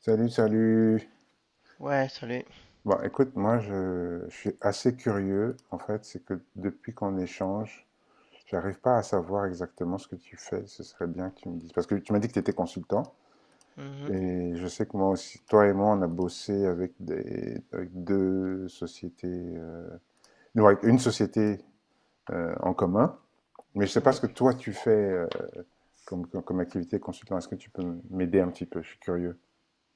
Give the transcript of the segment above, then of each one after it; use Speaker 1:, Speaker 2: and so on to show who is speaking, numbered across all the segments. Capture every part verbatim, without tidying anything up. Speaker 1: Salut, salut.
Speaker 2: Ouais, salut.
Speaker 1: Bon, écoute, moi, je, je suis assez curieux. En fait, c'est que depuis qu'on échange, j'arrive pas à savoir exactement ce que tu fais. Ce serait bien que tu me dises. Parce que tu m'as dit que tu étais consultant.
Speaker 2: Mhm,
Speaker 1: Et je sais que moi aussi, toi et moi, on a bossé avec des, avec deux sociétés, euh, non, avec une société euh, en commun. Mais je sais pas ce que
Speaker 2: mhm.
Speaker 1: toi tu fais euh, comme, comme, comme activité consultant. Est-ce que tu peux m'aider un petit peu? Je suis curieux.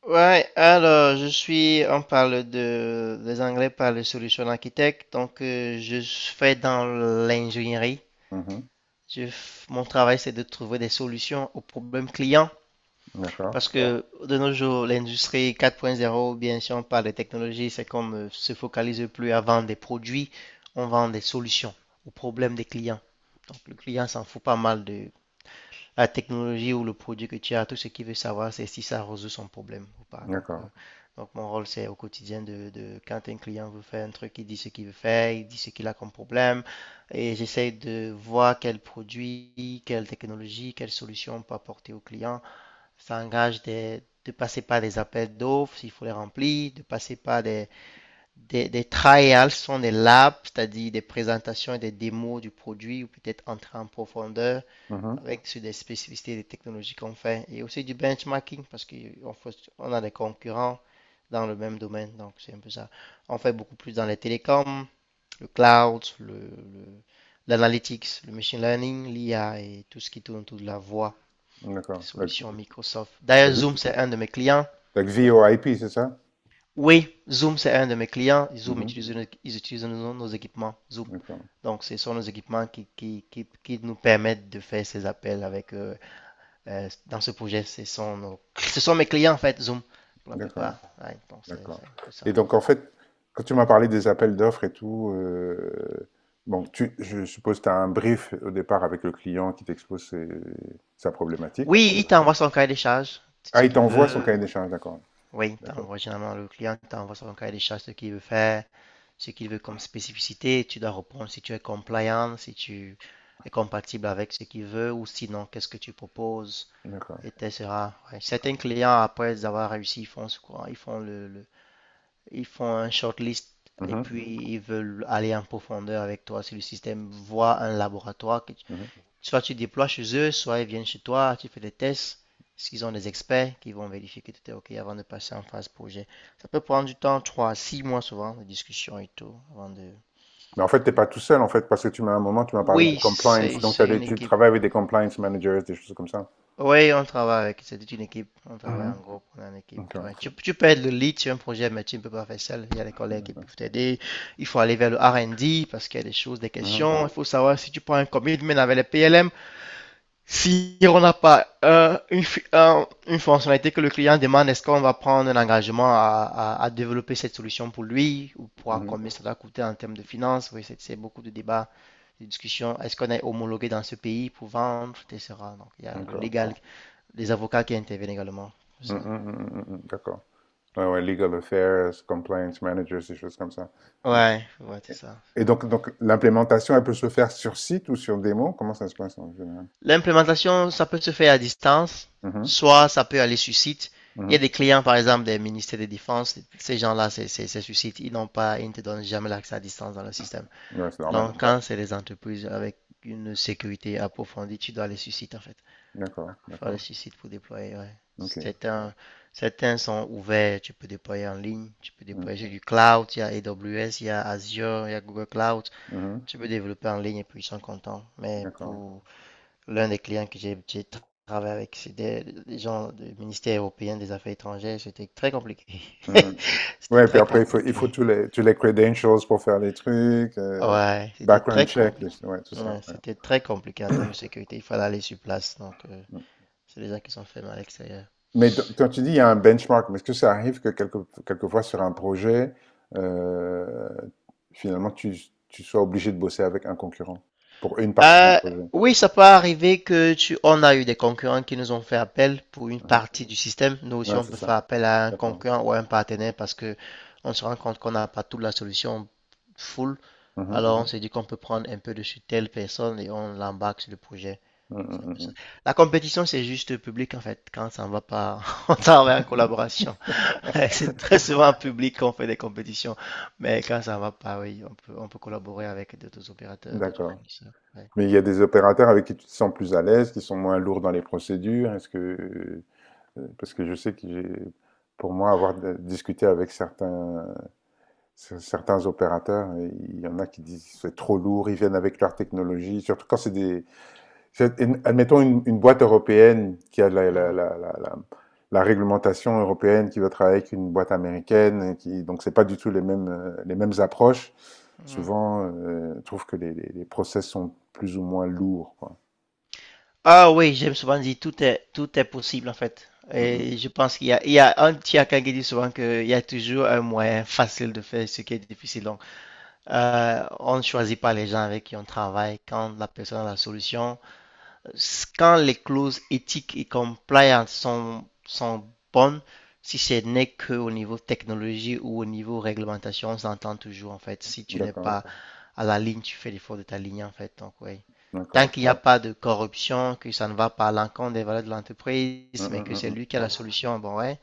Speaker 2: Ouais, alors je suis, on parle de, les Anglais parlent de solution architecte, donc euh, je fais dans l'ingénierie.
Speaker 1: Mhm.
Speaker 2: Je, f- mon travail, c'est de trouver des solutions aux problèmes clients,
Speaker 1: D'accord.
Speaker 2: parce que de nos jours, l'industrie quatre point zéro, bien sûr, on parle des technologies, c'est comme ne se focalise plus à vendre des produits, on vend des solutions aux problèmes des clients. Donc le client s'en fout pas mal de la technologie ou le produit que tu as, tout ce qu'il veut savoir, c'est si ça résout son problème ou pas. Donc, euh,
Speaker 1: D'accord.
Speaker 2: donc mon rôle, c'est au quotidien de, de- quand un client veut faire un truc, il dit ce qu'il veut faire, il dit ce qu'il a comme problème, et j'essaie de voir quel produit, quelle technologie, quelle solution on peut apporter au client. Ça engage des- de passer par des appels d'offres s'il faut les remplir, de passer par des, des, des trials, ce sont des labs, c'est-à-dire des présentations et des démos du produit, ou peut-être entrer en profondeur
Speaker 1: Mhm.
Speaker 2: avec sur des spécificités des technologies qu'on fait et aussi du benchmarking parce qu'on on a des concurrents dans le même domaine. Donc, c'est un peu ça. On fait beaucoup plus dans les télécoms, le cloud, le, le- l'analytics, le machine learning, l'I A et tout ce qui tourne autour de la voix, les
Speaker 1: D'accord. La,
Speaker 2: solutions Microsoft. D'ailleurs,
Speaker 1: la-
Speaker 2: Zoom, c'est un de mes clients.
Speaker 1: la VoIP, c'est ça?
Speaker 2: Oui, Zoom, c'est un de mes clients. Zoom
Speaker 1: Mhm.
Speaker 2: utilise, nos- ils utilisent nos, nos équipements Zoom.
Speaker 1: D'accord.
Speaker 2: Donc, ce sont nos équipements qui, qui, qui, qui nous permettent de faire ces appels avec eux euh, dans ce projet. Ce sont, nos- ce sont mes clients, en fait, Zoom, pour la
Speaker 1: D'accord.
Speaker 2: plupart. Ouais, donc, c'est
Speaker 1: D'accord.
Speaker 2: c'est un peu ça.
Speaker 1: Et donc, en fait, quand tu m'as parlé des appels d'offres et tout, euh, bon, tu, je suppose que tu as un brief au départ avec le client qui t'expose ses- sa problématique.
Speaker 2: Oui, il t'envoie son cahier des charges,
Speaker 1: Ah,
Speaker 2: ce
Speaker 1: il
Speaker 2: qu'il
Speaker 1: t'envoie
Speaker 2: veut.
Speaker 1: son cahier des charges, d'accord.
Speaker 2: Oui, il
Speaker 1: D'accord.
Speaker 2: t'envoie généralement le client, il t'envoie son cahier des charges, ce qu'il veut faire, ce qu'il veut comme spécificité. Tu dois répondre si tu es compliant, si tu es compatible avec ce qu'il veut, ou sinon, qu'est-ce que tu proposes,
Speaker 1: D'accord.
Speaker 2: et cetera. Ouais. Certains
Speaker 1: D'accord.
Speaker 2: clients, après avoir réussi, ils font, ce qu'on- ils font le, le, Ils font un shortlist et
Speaker 1: Mhm.
Speaker 2: puis ils veulent aller en profondeur avec toi sur le système, voir un laboratoire. Que tu-
Speaker 1: Mhm.
Speaker 2: Soit tu déploies chez eux, soit ils viennent chez toi, tu fais des tests. S'ils ont des experts qui vont vérifier que tout est OK avant de passer en phase projet. Ça peut prendre du temps, trois à six mois souvent, de discussion et tout, avant de...
Speaker 1: Mais en fait, t'es pas tout seul, en fait, parce que tu m'as à un moment, tu m'as parlé de
Speaker 2: Oui,
Speaker 1: compliance.
Speaker 2: c'est
Speaker 1: Donc, t'as
Speaker 2: c'est
Speaker 1: des,
Speaker 2: une
Speaker 1: tu
Speaker 2: équipe.
Speaker 1: travailles avec des compliance managers, des choses comme ça.
Speaker 2: Oui, on travaille avec, c'est toute une équipe. On travaille en
Speaker 1: Mhm.
Speaker 2: groupe, on est en équipe. Tu
Speaker 1: D'accord.
Speaker 2: vois. Tu- tu peux être le lead sur un projet, mais tu ne peux pas faire seul. Il y a des collègues qui peuvent t'aider. Il faut aller vers le R et D parce qu'il y a des choses, des
Speaker 1: Mhm,
Speaker 2: questions. Il faut savoir si tu prends un commitment avec les P L M. Si on n'a pas euh, une, fi- un- une fonctionnalité que le client demande, est-ce qu'on va prendre un engagement à, à- à développer cette solution pour lui ou pour à
Speaker 1: mhm,
Speaker 2: combien ça va coûter en termes de finances? Oui, c'est c'est beaucoup de débats, de discussions. Est-ce qu'on est homologué dans ce pays pour vendre, et cetera. Donc, il y a le
Speaker 1: D'accord.
Speaker 2: légal les avocats qui interviennent également. C'est
Speaker 1: Mm, mm,
Speaker 2: ça.
Speaker 1: mm, mm, mm, mm, D'accord. Ouais, ouais, legal affairs, compliance managers, des choses comme ça. Ok.
Speaker 2: Ouais, ouais, c'est ça.
Speaker 1: Et donc, donc l'implémentation, elle peut se faire sur site ou sur démo? Comment ça se passe en général?
Speaker 2: L'implémentation, ça peut se faire à distance,
Speaker 1: Mhm,
Speaker 2: soit ça peut aller sur site. Il y a
Speaker 1: mhm.
Speaker 2: des clients, par exemple, des ministères de défense, ces gens-là, c'est c'est- c'est sur site, ils n'ont pas, ils ne te donnent jamais l'accès à distance dans le système.
Speaker 1: Ouais, c'est normal.
Speaker 2: Donc, quand c'est des entreprises avec une sécurité approfondie, tu dois aller sur site, en fait.
Speaker 1: D'accord,
Speaker 2: Il faut aller
Speaker 1: d'accord.
Speaker 2: sur site pour déployer, ouais.
Speaker 1: OK.
Speaker 2: Certains, certains sont ouverts, tu peux déployer en ligne, tu peux
Speaker 1: Mm,
Speaker 2: déployer du cloud, il y a AWS, il y a Azure, il y a Google Cloud.
Speaker 1: mhm,
Speaker 2: Tu peux développer en ligne et puis ils sont contents. Mais
Speaker 1: D'accord.
Speaker 2: pour l'un des clients que j'ai j'ai travaillé avec, c'était des gens du ministère européen des Affaires étrangères. C'était très compliqué.
Speaker 1: Mm, mm.
Speaker 2: C'était
Speaker 1: Ouais, puis
Speaker 2: très
Speaker 1: après, il faut, il
Speaker 2: compliqué.
Speaker 1: faut
Speaker 2: compliqué.
Speaker 1: tous les, tous les credentials pour faire les trucs, euh,
Speaker 2: Ouais, c'était
Speaker 1: background
Speaker 2: très
Speaker 1: check,
Speaker 2: compliqué.
Speaker 1: des- ouais, tout ça.
Speaker 2: Ouais,
Speaker 1: Ouais.
Speaker 2: c'était très compliqué en termes de sécurité. Il fallait aller sur place. Donc, euh, c'est des gens qui sont faits mal à l'extérieur.
Speaker 1: Mais do- quand tu dis il y a un benchmark, mais est-ce que ça arrive que quelque, quelquefois sur un projet, euh, finalement, tu, tu sois obligé de bosser avec un concurrent pour une partie du
Speaker 2: Euh,
Speaker 1: projet?
Speaker 2: oui, ça peut arriver que tu... On a eu des concurrents qui nous ont fait appel pour une
Speaker 1: Mhm.
Speaker 2: partie du système. Nous aussi,
Speaker 1: Ouais,
Speaker 2: on
Speaker 1: c'est
Speaker 2: peut
Speaker 1: ça.
Speaker 2: faire appel à un
Speaker 1: D'accord.
Speaker 2: concurrent ou à un partenaire parce que on se rend compte qu'on n'a pas toute la solution full.
Speaker 1: Mhm.
Speaker 2: Alors, on, Mhm. s'est dit qu'on peut prendre un peu de sur telle personne et on l'embarque sur le projet.
Speaker 1: Mm,
Speaker 2: C'est un
Speaker 1: mm,
Speaker 2: peu ça.
Speaker 1: mm,
Speaker 2: La compétition, c'est juste public en fait. Quand ça ne va pas, on travaille en collaboration. C'est très souvent en public qu'on fait des compétitions. Mais quand ça ne va pas, oui, on peut, on peut collaborer avec d'autres
Speaker 1: mm.
Speaker 2: opérateurs, d'autres
Speaker 1: D'accord.
Speaker 2: fournisseurs. Ouais.
Speaker 1: Mais il y a des opérateurs avec qui tu te sens plus à l'aise, qui sont moins lourds dans les procédures. Est-ce que, euh, parce que je sais que j'ai, pour moi, avoir de- discuté avec certains, cer- certains opérateurs, il y en a qui disent c'est trop lourd, ils viennent avec leur technologie, surtout quand c'est des, Je- admettons une, une boîte européenne qui a la, la- la- la- la- la réglementation européenne qui va travailler avec une boîte américaine, qui, donc c'est pas du tout les mêmes, euh, les mêmes approches.
Speaker 2: Mhm.
Speaker 1: Souvent, euh, je trouve que les, les, les process sont plus ou moins lourds, quoi.
Speaker 2: Ah oui, j'aime souvent dire tout est tout est possible en fait.
Speaker 1: Mm, mm.
Speaker 2: Et je pense qu'il y a, il y a un Thiaka qui dit souvent qu'il y a toujours un moyen facile de faire ce qui est difficile. Donc, euh, on ne choisit pas les gens avec qui on travaille. Quand la personne a la solution, quand les clauses éthiques et compliance sont, sont bonnes, si ce n'est qu'au niveau technologie ou au niveau réglementation, on s'entend toujours en fait. Si tu n'es
Speaker 1: D'accord,
Speaker 2: pas à la ligne, tu fais l'effort de ta ligne en fait. Donc, oui. Tant
Speaker 1: d'accord.
Speaker 2: qu'il n'y a pas de corruption, que ça ne va pas à l'encontre des valeurs de
Speaker 1: Mm,
Speaker 2: l'entreprise, mais
Speaker 1: mm,
Speaker 2: que c'est
Speaker 1: mm,
Speaker 2: lui qui a la solution, bon, ouais.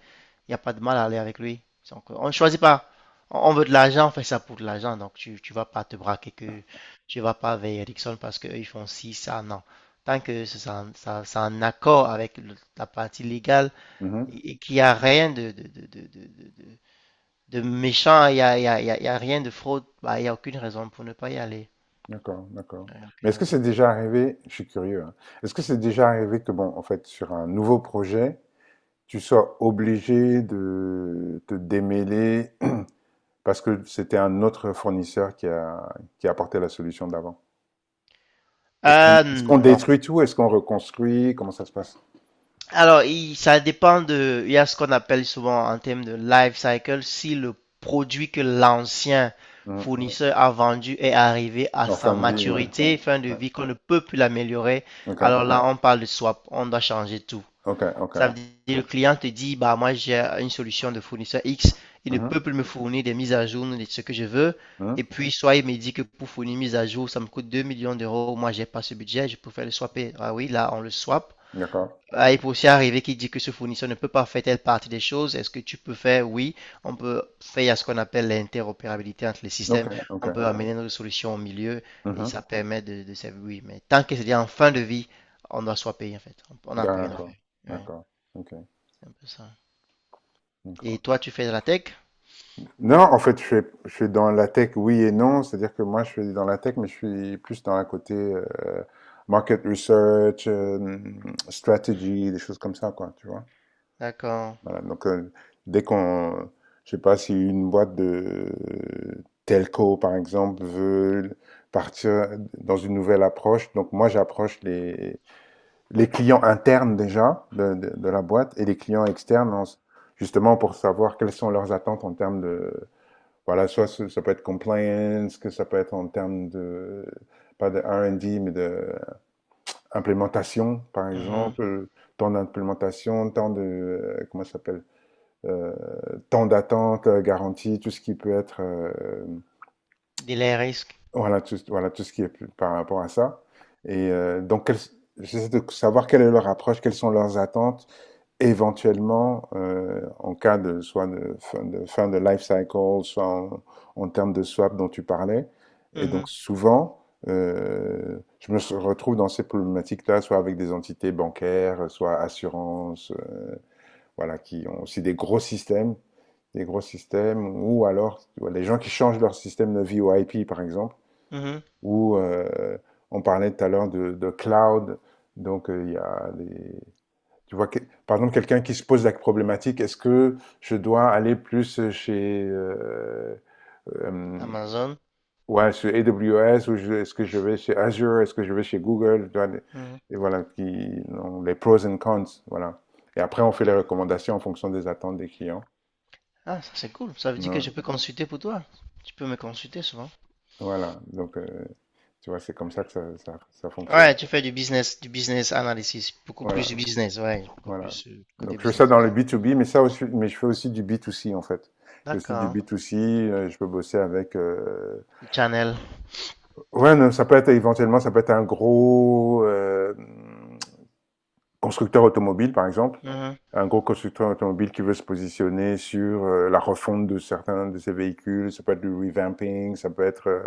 Speaker 2: Il n'y a pas de mal à aller avec lui. Donc, on ne choisit pas. On veut de l'argent, on fait ça pour de l'argent. Donc, tu ne vas pas te braquer que tu vas pas vers Ericsson parce qu'eux, ils font ci, ça, non. Tant que c'est en, ça- c'est en accord avec le- la partie légale
Speaker 1: mm. Mhm.
Speaker 2: et, et qu'il n'y a rien de, de, de, de, de- de- de méchant, il n'y a, il y a, il y a- il y a rien de fraude, bah, il n'y a aucune raison pour ne pas y aller.
Speaker 1: D'accord, d'accord.
Speaker 2: Il n'y a
Speaker 1: Mais
Speaker 2: aucune
Speaker 1: est-ce que c'est
Speaker 2: raison.
Speaker 1: déjà arrivé, je suis curieux, hein. Est-ce que c'est déjà arrivé que, bon, en fait, sur un nouveau projet, tu sois obligé de te démêler parce que c'était un autre fournisseur qui a, qui a apporté la solution d'avant. Est-ce qu'on
Speaker 2: Euh,
Speaker 1: est-ce qu'on
Speaker 2: non.
Speaker 1: détruit tout? Est-ce qu'on reconstruit? Comment ça se passe?
Speaker 2: Alors, il- ça dépend de. Il y a ce qu'on appelle souvent en termes de life cycle, si le produit que l'ancien
Speaker 1: Hmm.
Speaker 2: fournisseur a vendu est arrivé à
Speaker 1: En
Speaker 2: sa
Speaker 1: fin de vie, ouais.
Speaker 2: maturité, fin de
Speaker 1: Ouais.
Speaker 2: vie, qu'on ne peut plus l'améliorer,
Speaker 1: OK,
Speaker 2: alors là, on parle de swap, on doit changer tout.
Speaker 1: OK,
Speaker 2: Ça
Speaker 1: OK.
Speaker 2: veut dire le client te dit, bah moi j'ai une solution de fournisseur X, il ne
Speaker 1: Mhm.
Speaker 2: peut plus me fournir des mises à jour de ce que je veux. Et
Speaker 1: Mhm.
Speaker 2: puis, soit il me dit que pour fournir une mise à jour, ça me coûte deux millions d'euros, moi j'ai pas ce budget, je peux faire le swapper. Ah oui, là on le swap.
Speaker 1: D'accord.
Speaker 2: Ah, il peut aussi arriver qu'il dit que ce fournisseur ne peut pas faire telle partie des choses. Est-ce que tu peux faire? Oui, on peut faire ce qu'on appelle l'interopérabilité entre les
Speaker 1: OK,
Speaker 2: systèmes. On
Speaker 1: OK.
Speaker 2: peut amener notre solution au milieu et
Speaker 1: Mhm.
Speaker 2: ça permet de, de servir. Oui, mais tant que c'est en fin de vie, on doit soit payer en fait. On n'a plus rien à
Speaker 1: D'accord,
Speaker 2: faire. Ouais,
Speaker 1: d'accord. OK,
Speaker 2: c'est un peu ça. Et
Speaker 1: d'accord.
Speaker 2: toi, tu fais de la tech?
Speaker 1: Non, en fait, je suis, je suis dans la tech, oui et non. C'est-à-dire que moi, je suis dans la tech, mais je suis plus dans la côté euh, market research, euh, strategy, des choses comme ça, quoi, tu vois.
Speaker 2: D'accord.
Speaker 1: Voilà, donc, heu, dès qu'on je sais pas si une boîte de telco, par exemple, veut partir dans une nouvelle approche, donc moi, j'approche les les clients internes déjà de de de la boîte et les clients externes en justement pour savoir quelles sont leurs attentes en termes de voilà, soit ce ça peut être compliance, que ça peut être en termes de pas de R et D, mais de implémentation, par
Speaker 2: Mhm.
Speaker 1: exemple, euh, temps d'implémentation, temps de, euh, comment ça s'appelle? euh, temps d'attente euh, garantie tout ce qui peut être, euh,
Speaker 2: Delay risk.
Speaker 1: voilà, tout, voilà, tout ce qui est par rapport à ça. Et euh, donc, quelles- j'essaie de savoir quelle est leur approche, quelles sont leurs attentes, éventuellement, euh, en cas de soit de fin de, fin de life cycle, soit en, en termes de swap dont tu parlais. Et donc,
Speaker 2: Mhm.
Speaker 1: souvent, euh, je me retrouve dans ces problématiques-là, soit avec des entités bancaires, soit assurances, euh, voilà, qui ont aussi des gros systèmes, des gros systèmes, ou alors tu vois, les gens qui changent leur système de vie au I P par exemple,
Speaker 2: Mhm.
Speaker 1: ou euh, on parlait tout à l'heure de, de cloud, donc euh, il y a des... Tu vois, que- par exemple, quelqu'un qui se pose la problématique, est-ce que je dois aller plus chez euh, euh,
Speaker 2: Amazon.
Speaker 1: ouais, sur A W S ou je- est-ce que je vais chez Azure, est-ce que je vais chez Google, tu vois, des-
Speaker 2: Mhm.
Speaker 1: et voilà, qui, non, les pros and cons, voilà. Et après, on fait les recommandations en fonction des attentes des clients.
Speaker 2: Ah, ça c'est cool. Ça veut dire que
Speaker 1: Non,
Speaker 2: je peux consulter pour toi. Tu peux me consulter souvent.
Speaker 1: voilà, donc heu, tu vois, c'est comme ça que ça ça ça fonctionne.
Speaker 2: Ouais, tu fais du business, du business analysis, beaucoup plus du
Speaker 1: Voilà,
Speaker 2: business, ouais, beaucoup
Speaker 1: voilà.
Speaker 2: plus euh, côté
Speaker 1: Donc je fais ça
Speaker 2: business. Ouais.
Speaker 1: dans le B to B, mais ça aussi mais je fais aussi du B to C, en fait. Je fais aussi du
Speaker 2: D'accord,
Speaker 1: B to C, heu, je peux bosser avec, heu
Speaker 2: le channel.
Speaker 1: ouais, non, ça peut être éventuellement, ça peut être un gros, hem, constructeur automobile, par exemple.
Speaker 2: Mhm,
Speaker 1: Un gros constructeur automobile qui veut se positionner sur euh, la refonte de certains de ses véhicules, ça peut être du revamping, ça peut être euh,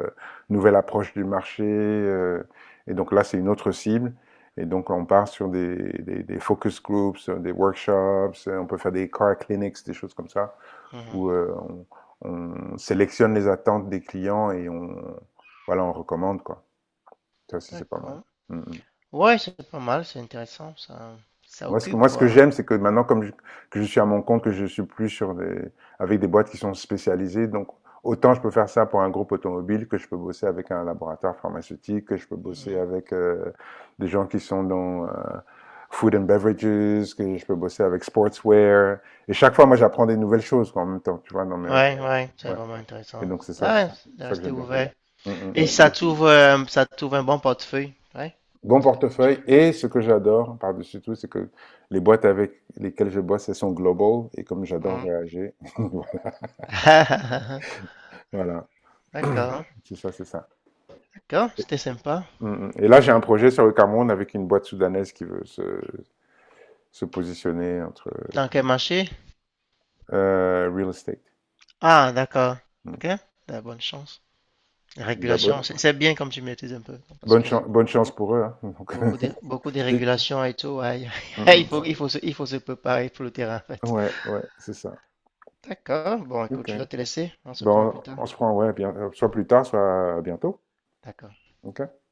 Speaker 1: une nouvelle approche du marché. Euh, et donc là, c'est une autre cible. Et donc, on part sur des, des- des focus groups, euh, des workshops, euh, on peut faire des car clinics, des choses comme ça,
Speaker 2: mhm.
Speaker 1: où euh, on, on sélectionne les attentes des clients et on, voilà, on recommande, quoi. Ça aussi, c'est pas mal.
Speaker 2: D'accord.
Speaker 1: Mm, mm.
Speaker 2: Ouais, c'est pas mal, c'est intéressant, ça, ça
Speaker 1: Moi, ce que,
Speaker 2: occupe
Speaker 1: moi, ce que
Speaker 2: quoi.
Speaker 1: j'aime, c'est que maintenant, comme je, que je suis à mon compte, que je suis plus sur des, avec des boîtes qui sont spécialisées, donc autant je peux faire ça pour un groupe automobile, que je peux bosser avec un laboratoire pharmaceutique, que je peux bosser
Speaker 2: Mhm.
Speaker 1: avec euh, des gens qui sont dans euh, food and beverages, que je peux bosser avec sportswear. Et chaque fois, moi, j'apprends des nouvelles choses quoi, en même temps, tu vois, dans mes... recherches.
Speaker 2: Ouais, ouais, c'est
Speaker 1: Ouais.
Speaker 2: vraiment
Speaker 1: Et
Speaker 2: intéressant.
Speaker 1: donc, c'est ça, que-
Speaker 2: Ouais, de
Speaker 1: c'est ça que
Speaker 2: rester
Speaker 1: j'aime bien.
Speaker 2: ouvert.
Speaker 1: Mm, mm,
Speaker 2: Et
Speaker 1: mm.
Speaker 2: ça t'ouvre, euh, ça t'ouvre un bon portefeuille, ouais.
Speaker 1: Bon portefeuille. Et ce que j'adore par-dessus tout, c'est que les boîtes avec lesquelles je bosse, elles sont global. Et comme j'adore
Speaker 2: Mhm.
Speaker 1: voyager, voilà.
Speaker 2: D'accord,
Speaker 1: C'est ça, c'est ça.
Speaker 2: d'accord,
Speaker 1: Et
Speaker 2: c'était sympa.
Speaker 1: mm, mm. Et là, j'ai un projet sur le Cameroun avec une boîte soudanaise qui veut se, se positionner entre
Speaker 2: Dans quel marché?
Speaker 1: euh, real estate.
Speaker 2: Ah, d'accord.
Speaker 1: Mm.
Speaker 2: Ok, t'as bonne chance.
Speaker 1: Bah,
Speaker 2: Régulation,
Speaker 1: bonne,
Speaker 2: c'est bien comme tu maîtrises un peu, parce
Speaker 1: bonne,
Speaker 2: que
Speaker 1: chan- bonne chance pour eux, hein. Donc,
Speaker 2: beaucoup de, beaucoup de
Speaker 1: c'est-
Speaker 2: régulations et tout, ouais,
Speaker 1: Mm,
Speaker 2: il
Speaker 1: mm.
Speaker 2: faut, il faut il faut se, il faut se préparer pour le terrain en fait.
Speaker 1: Ouais, ouais, c'est ça.
Speaker 2: D'accord, bon
Speaker 1: Ok.
Speaker 2: écoute, je dois te laisser, on se prend plus
Speaker 1: Bon,
Speaker 2: tard.
Speaker 1: on se prend, ouais, bien, euh, soit plus tard, soit à bientôt.
Speaker 2: D'accord.
Speaker 1: Ok.